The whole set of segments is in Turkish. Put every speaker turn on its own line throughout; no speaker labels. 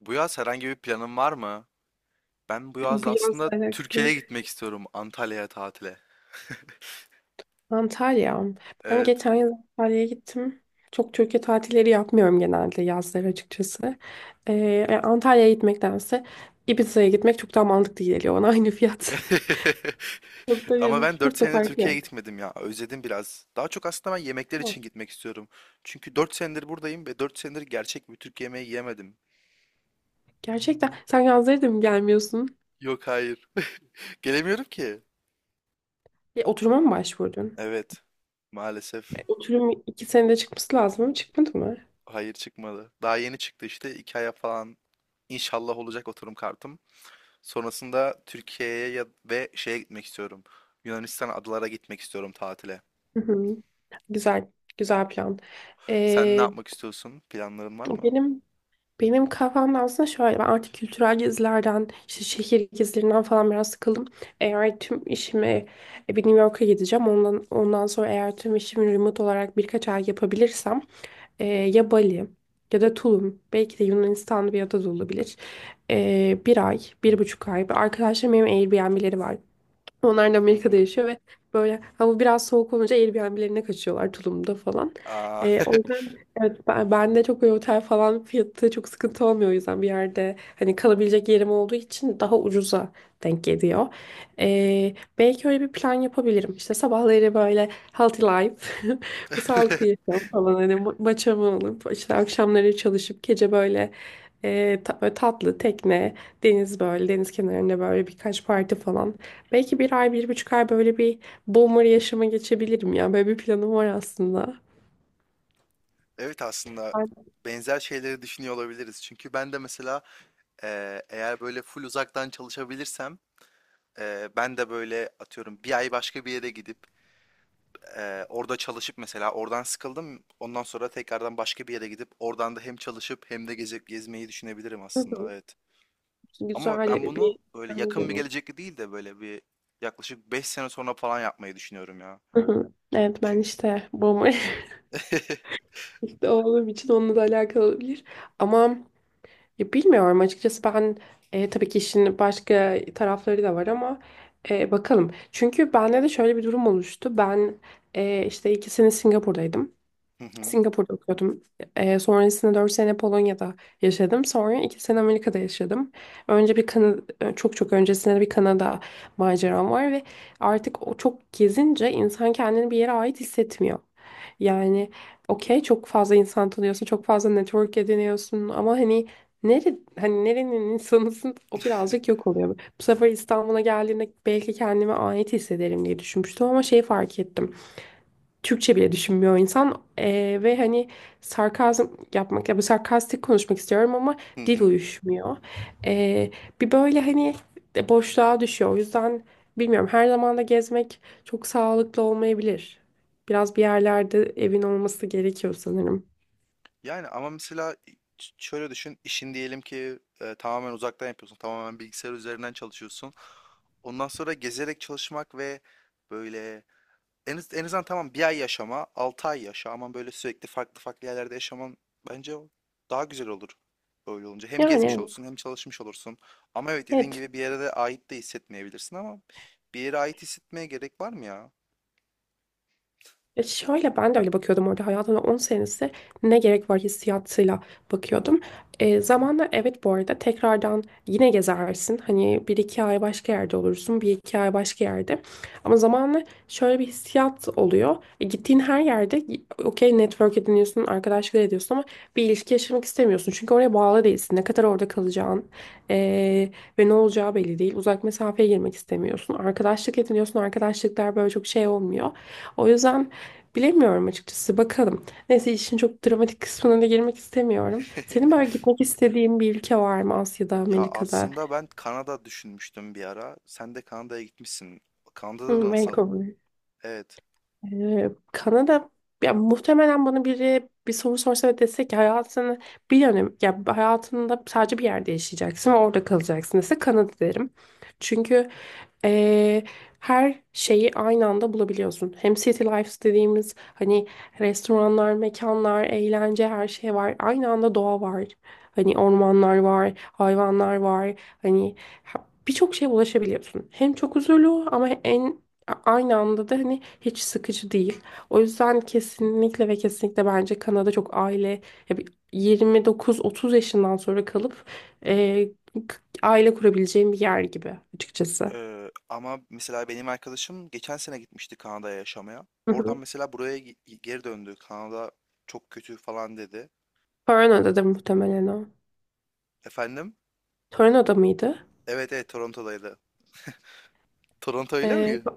Bu yaz herhangi bir planın var mı? Ben bu yaz
Bu yazla
aslında
alakalı.
Türkiye'ye gitmek istiyorum. Antalya'ya tatile.
Antalya. Ben
Evet.
geçen yıl Antalya'ya gittim. Çok Türkiye tatilleri yapmıyorum genelde yazları açıkçası. Yani Antalya'ya gitmektense Ibiza'ya gitmek çok daha mantıklı geliyor bana aynı fiyat. Çok da
Ama
yani
ben 4
çok da
senedir
farkı
Türkiye'ye
yok.
gitmedim ya. Özledim biraz. Daha çok aslında ben yemekler
Ama
için gitmek istiyorum. Çünkü 4 senedir buradayım ve 4 senedir gerçek bir Türk yemeği yemedim.
Gerçekten sen yazları da mı gelmiyorsun?
Yok hayır. Gelemiyorum ki.
Oturuma mı başvurdun?
Evet. Maalesef
Oturum iki senede çıkması lazım ama çıkmadı mı?
hayır çıkmadı. Daha yeni çıktı işte. 2 aya falan inşallah olacak oturum kartım. Sonrasında Türkiye'ye ya- ve şeye gitmek istiyorum. Yunanistan adalara gitmek istiyorum tatile.
Hı hı. Güzel, güzel plan.
Sen ne
Ee,
yapmak istiyorsun? Planların var mı?
benim Benim kafamda aslında şöyle ben artık kültürel gezilerden işte şehir gezilerinden falan biraz sıkıldım. Eğer tüm işimi bir New York'a gideceğim. Ondan sonra eğer tüm işimi remote olarak birkaç ay yapabilirsem ya Bali ya da Tulum belki de Yunanistan'da bir ada da olabilir. Bir ay, bir buçuk ay. Arkadaşlarım benim Airbnb'leri var. Onlar da
Hı
Amerika'da
hı.
yaşıyor ve böyle hava biraz soğuk olunca Airbnb'lerine kaçıyorlar Tulum'da falan.
Aa,
O yüzden evet ben de çok böyle otel falan fiyatı çok sıkıntı olmuyor o yüzden bir yerde hani kalabilecek yerim olduğu için daha ucuza denk geliyor. Belki öyle bir plan yapabilirim. İşte sabahları böyle healthy life, sağlıklı yaşam falan hani maçamı alıp işte akşamları çalışıp gece böyle böyle tatlı tekne, deniz kenarında böyle birkaç parti falan. Belki bir ay, bir buçuk ay böyle bir boomer yaşama geçebilirim ya. Böyle bir planım var aslında.
evet aslında
Ay,
benzer şeyleri düşünüyor olabiliriz. Çünkü ben de mesela eğer böyle full uzaktan çalışabilirsem ben de böyle atıyorum bir ay başka bir yere gidip orada çalışıp mesela oradan sıkıldım. Ondan sonra tekrardan başka bir yere gidip oradan da hem çalışıp hem de gezip gezmeyi düşünebilirim
hı
aslında.
hı.
Evet. Ama
Güzel
ben
bir
bunu böyle
plan
yakın bir
oluyor.
gelecekte değil de böyle bir yaklaşık 5 sene sonra falan yapmayı düşünüyorum ya.
Hı hı. Evet ben
Çünkü
işte boomer işte olduğum için onunla da alakalı olabilir. Ama ya bilmiyorum açıkçası ben tabii ki işin başka tarafları da var ama bakalım. Çünkü bende de şöyle bir durum oluştu. Ben işte 2 sene Singapur'daydım.
Hı hı,
Singapur'da okuyordum. Sonrasında 4 sene Polonya'da yaşadım. Sonra 2 sene Amerika'da yaşadım. Önce bir Kanada, çok çok öncesinde de bir Kanada maceram var ve artık o çok gezince insan kendini bir yere ait hissetmiyor. Yani okey çok fazla insan tanıyorsun, çok fazla network ediniyorsun ama hani hani nerenin insanısın o birazcık yok oluyor. Bu sefer İstanbul'a geldiğimde belki kendime ait hissederim diye düşünmüştüm ama şeyi fark ettim. Türkçe bile düşünmüyor insan. Ve hani sarkazm yapmak ya bu sarkastik konuşmak istiyorum ama
hı
dil
hı.
uyuşmuyor. Eee, Bir böyle hani de boşluğa düşüyor. O yüzden bilmiyorum her zaman da gezmek çok sağlıklı olmayabilir. Biraz bir yerlerde evin olması gerekiyor sanırım.
Yani ama mesela şöyle düşün, işin diyelim ki tamamen uzaktan yapıyorsun, tamamen bilgisayar üzerinden çalışıyorsun. Ondan sonra gezerek çalışmak ve böyle en azından tamam bir ay yaşama, altı ay yaşa ama böyle sürekli farklı farklı yerlerde yaşaman bence daha güzel olur. Böyle olunca hem gezmiş
Yani
olursun hem çalışmış olursun. Ama evet dediğin
evet.
gibi bir yere de ait de hissetmeyebilirsin ama bir yere ait hissetmeye gerek var mı ya?
Ya şöyle ben de öyle bakıyordum orada hayatımda 10 senesi ne gerek var hissiyatıyla bakıyordum. Zamanla evet bu arada tekrardan yine gezersin. Hani bir iki ay başka yerde olursun, bir iki ay başka yerde. Ama zamanla şöyle bir hissiyat oluyor. Gittiğin her yerde okey network ediniyorsun, arkadaşlık ediyorsun ama bir ilişki yaşamak istemiyorsun. Çünkü oraya bağlı değilsin. Ne kadar orada kalacağın e, ve ne olacağı belli değil. Uzak mesafeye girmek istemiyorsun. Arkadaşlık ediniyorsun, arkadaşlıklar böyle çok şey olmuyor. O yüzden bilemiyorum açıkçası. Bakalım. Neyse işin çok dramatik kısmına da girmek istemiyorum. Senin böyle gitmek istediğin bir ülke var mı Asya'da,
Ya
Amerika'da?
aslında ben Kanada düşünmüştüm bir ara. Sen de Kanada'ya gitmişsin. Kanada'da
Hmm,
nasıl?
Vancouver.
Evet.
Kanada ya muhtemelen bana biri bir soru sorsa ve dese ki hayatını bir yönem ya hayatında sadece bir yerde yaşayacaksın ve orada kalacaksın dese Kanada derim. Çünkü ee, her şeyi aynı anda bulabiliyorsun. Hem city life dediğimiz hani restoranlar, mekanlar, eğlence her şey var. Aynı anda doğa var. Hani ormanlar var, hayvanlar var. Hani birçok şeye ulaşabiliyorsun. Hem çok huzurlu ama en Aynı anda da hani hiç sıkıcı değil. O yüzden kesinlikle ve kesinlikle bence Kanada çok aile ya bir 29-30 yaşından sonra kalıp e, k- aile kurabileceğim bir yer gibi açıkçası.
Ama mesela benim arkadaşım geçen sene gitmişti Kanada'ya yaşamaya.
Hı
Oradan
hı.
mesela buraya geri döndü. Kanada çok kötü falan dedi.
Toronto'da da muhtemelen o.
Efendim?
Toronto'da mıydı?
Evet evet Toronto'daydı. Toronto öyle
E,
mi?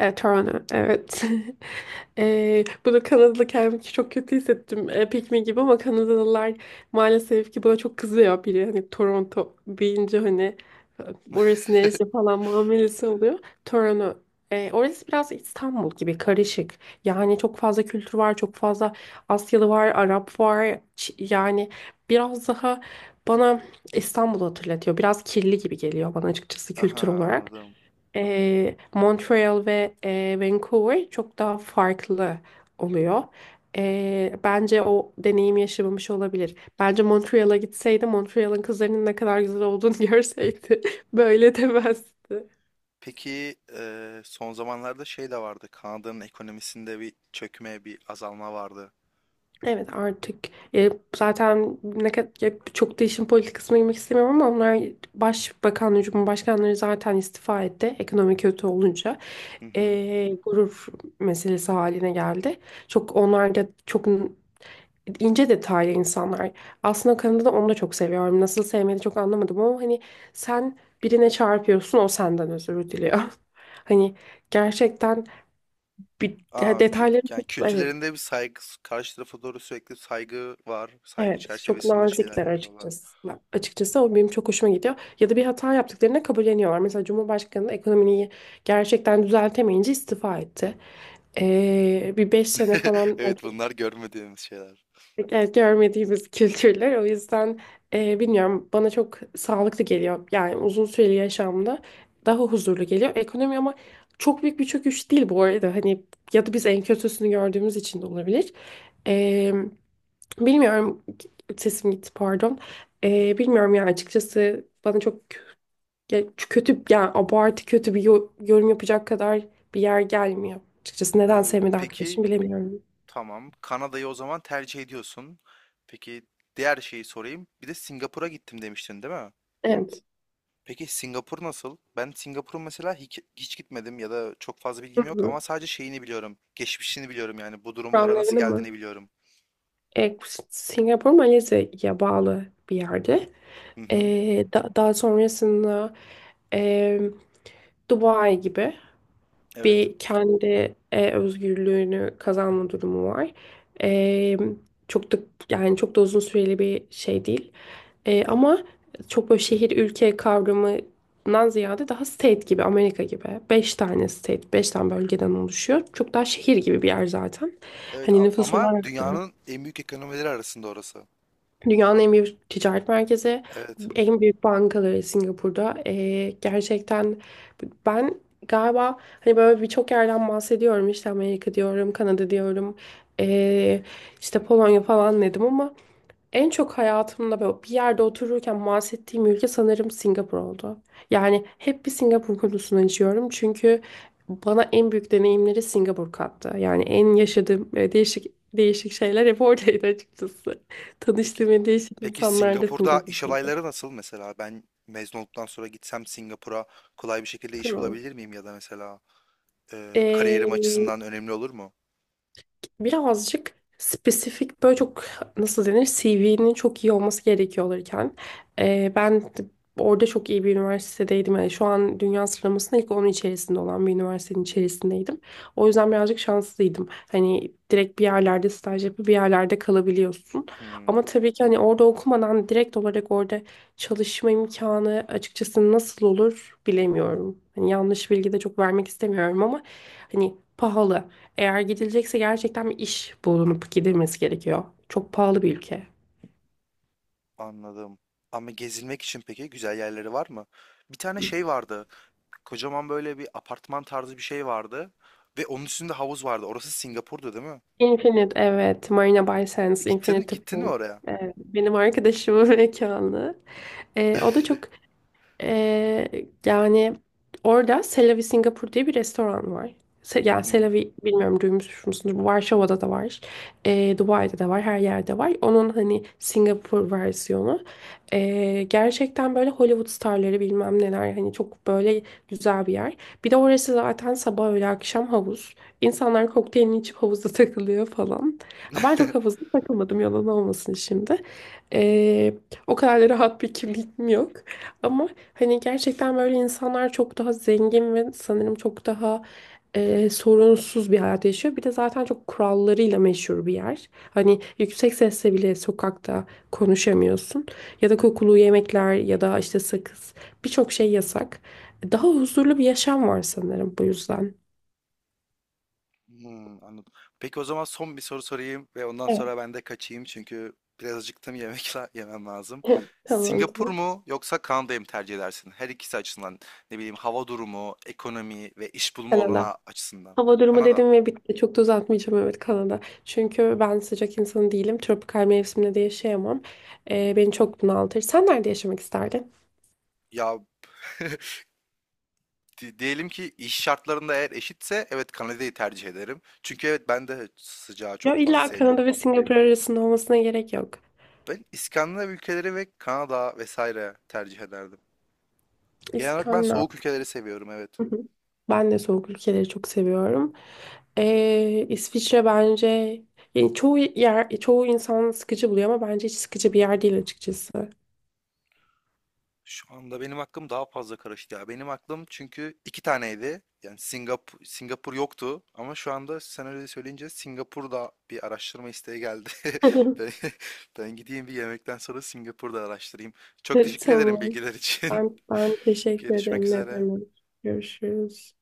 Evet, Toronto. Evet. Bunu Kanadalı kendimi çok kötü hissettim. Pikmin gibi ama Kanadalılar maalesef ki buna çok kızıyor biri. Hani Toronto deyince hani e, orası neresi falan muamelesi oluyor. Toronto. Orası biraz İstanbul gibi karışık. Yani çok fazla kültür var, çok fazla Asyalı var, Arap var. Yani biraz daha bana İstanbul'u hatırlatıyor. Biraz kirli gibi geliyor bana açıkçası kültür
Aha
olarak.
anladım.
Montreal ve Vancouver çok daha farklı oluyor. Bence o deneyim yaşamamış olabilir. Bence Montreal'a gitseydi, Montreal'ın kızlarının ne kadar güzel olduğunu görseydi böyle demezdi.
Peki son zamanlarda şey de vardı. Kanada'nın ekonomisinde bir çökme, bir azalma vardı.
Evet artık e, zaten ne kadar çok da işin politik kısmına girmek istemiyorum ama onlar başbakan, cumhurbaşkanları zaten istifa etti ekonomi kötü olunca.
Hı hı.
Gurur meselesi haline geldi. Çok onlar da çok ince detaylı insanlar. Aslında Kanada'da onu da çok seviyorum. Nasıl sevmedi çok anlamadım ama hani sen birine çarpıyorsun o senden özür diliyor. Hani gerçekten bir ya
Aa,
detayları
yani
çok evet
kültürlerinde bir saygı, karşı tarafa doğru sürekli saygı var. Saygı
evet çok
çerçevesinde şeyler
nazikler
yapıyorlar.
açıkçası. Açıkçası o benim çok hoşuma gidiyor. Ya da bir hata yaptıklarını kabulleniyorlar. Mesela Cumhurbaşkanı ekonomiyi gerçekten düzeltemeyince istifa etti. Bir beş sene falan.
Evet bunlar görmediğimiz şeyler.
Evet, görmediğimiz kültürler. O yüzden bilmiyorum bana çok sağlıklı geliyor. Yani uzun süreli yaşamda daha huzurlu geliyor. Ekonomi ama çok büyük bir çöküş değil bu arada. Hani ya da biz en kötüsünü gördüğümüz için de olabilir. E, Bilmiyorum, sesim gitti pardon. Bilmiyorum yani açıkçası bana çok ya, kötü yani abartı kötü bir yorum yapacak kadar bir yer gelmiyor. Açıkçası neden sevmedi
Peki
arkadaşım bilemiyorum.
tamam. Kanada'yı o zaman tercih ediyorsun. Peki diğer şeyi sorayım. Bir de Singapur'a gittim demiştin değil mi?
Evet.
Peki Singapur nasıl? Ben Singapur'un mesela hiç gitmedim ya da çok fazla
Hı
bilgim yok
hı.
ama sadece şeyini biliyorum. Geçmişini biliyorum yani bu durumlara
Kur'an
nasıl geldiğini
mı?
biliyorum.
E, Singapur Malezya'ya bağlı bir yerde.
Hı hı.
Daha sonrasında e, Dubai gibi
Evet.
bir kendi özgürlüğünü kazanma durumu var. E, Çok da yani çok da uzun süreli bir şey değil. Ama çok böyle şehir ülke kavramından ziyade daha state gibi Amerika gibi. Beş tane state, beş tane bölgeden oluşuyor. Çok daha şehir gibi bir yer zaten.
Evet
Hani nüfus
ama
olarak da.
dünyanın en büyük ekonomileri arasında orası.
Dünyanın en büyük ticaret merkezi,
Evet.
en büyük bankaları Singapur'da. Gerçekten ben galiba hani böyle birçok yerden bahsediyorum. İşte Amerika diyorum, Kanada diyorum, ee, işte Polonya falan dedim ama en çok hayatımda böyle bir yerde otururken bahsettiğim ülke sanırım Singapur oldu. Yani hep bir Singapur konusunu açıyorum çünkü bana en büyük deneyimleri Singapur kattı. Yani en yaşadığım değişik şeyler hep oradaydı açıkçası.
Peki
Tanıştığım en değişik
peki
insanlar da
Singapur'da iş
Singapur'daydı.
olayları nasıl mesela? Ben mezun olduktan sonra gitsem Singapur'a kolay bir şekilde iş
Hı.
bulabilir miyim ya da mesela kariyerim
Ee,
açısından önemli olur mu?
Birazcık spesifik böyle çok nasıl denir CV'nin çok iyi olması gerekiyor olurken ben de orada çok iyi bir üniversitedeydim. Yani şu an dünya sıralamasında ilk onun içerisinde olan bir üniversitenin içerisindeydim. O yüzden birazcık şanslıydım. Hani direkt bir yerlerde staj yapıp bir yerlerde kalabiliyorsun. Ama
Hmm,
tabii ki hani orada okumadan direkt olarak orada çalışma imkanı açıkçası nasıl olur bilemiyorum. Hani yanlış bilgi de çok vermek istemiyorum ama hani pahalı. Eğer gidilecekse gerçekten bir iş bulunup gidilmesi gerekiyor. Çok pahalı bir ülke.
anladım. Ama gezilmek için peki güzel yerleri var mı? Bir tane şey vardı. Kocaman böyle bir apartman tarzı bir şey vardı. Ve onun üstünde havuz vardı. Orası Singapur'du değil mi?
Infinite evet. Marina Bay Sands, Infinity
Gittin mi
Pool.
oraya?
Evet, benim arkadaşımın mekanı. O da çok. Ee, Yani orada Selavi Singapur diye bir restoran var.
Hı
Yani
hı.
Selavi bilmiyorum duymuş musunuz? Varşova'da da var. Dubai'de de var. Her yerde var. Onun hani Singapur versiyonu. Gerçekten böyle Hollywood starları bilmem neler. Hani çok böyle güzel bir yer. Bir de orası zaten sabah öğle akşam havuz. İnsanlar kokteylini içip havuzda takılıyor falan. Ha, ben çok havuzda takılmadım yalan olmasın şimdi. Ee, O kadar da rahat bir kimliğim yok. Ama hani gerçekten böyle insanlar çok daha zengin ve sanırım çok daha sorunsuz bir hayat yaşıyor. Bir de zaten çok kurallarıyla meşhur bir yer. Hani yüksek sesle bile sokakta konuşamıyorsun. Ya da kokulu yemekler ya da işte sakız birçok şey yasak. Daha huzurlu bir yaşam var sanırım bu yüzden.
Hmm, anladım. Peki o zaman son bir soru sorayım ve ondan
Evet.
sonra ben de kaçayım çünkü biraz acıktım yemem lazım.
Tamam,
Singapur
tamam.
mu yoksa Kanada'yı mı tercih edersin? Her ikisi açısından ne bileyim hava durumu, ekonomi ve iş bulma
Kanada.
olanağı açısından.
Hava durumu
Kanada.
dedim ve bitti. Çok da uzatmayacağım, evet Kanada. Çünkü ben sıcak insanı değilim. Tropikal mevsimde de yaşayamam. Beni çok bunaltır. Sen nerede yaşamak isterdin?
Ya diyelim ki iş şartlarında eğer eşitse evet Kanada'yı tercih ederim. Çünkü evet ben de sıcağı
Ya
çok fazla
illa Kanada
sevmiyorum.
ve Singapur arasında olmasına gerek yok.
Ben İskandinav ülkeleri ve Kanada vesaire tercih ederdim. Genel olarak ben
İskandinav.
soğuk ülkeleri seviyorum evet.
Hı hı. Ben de soğuk ülkeleri çok seviyorum. İsviçre bence yani çoğu yer çoğu insan sıkıcı buluyor ama bence hiç sıkıcı bir yer değil açıkçası.
Şu anda benim aklım daha fazla karıştı ya. Benim aklım çünkü iki taneydi. Yani Singapur yoktu ama şu anda sen öyle söyleyince Singapur'da bir araştırma isteği geldi. Ben, ben gideyim bir yemekten sonra Singapur'da araştırayım. Çok teşekkür ederim
Tamam.
bilgiler için.
Ben teşekkür
Görüşmek
ederim. Ne
üzere.
demek. Görüşürüz.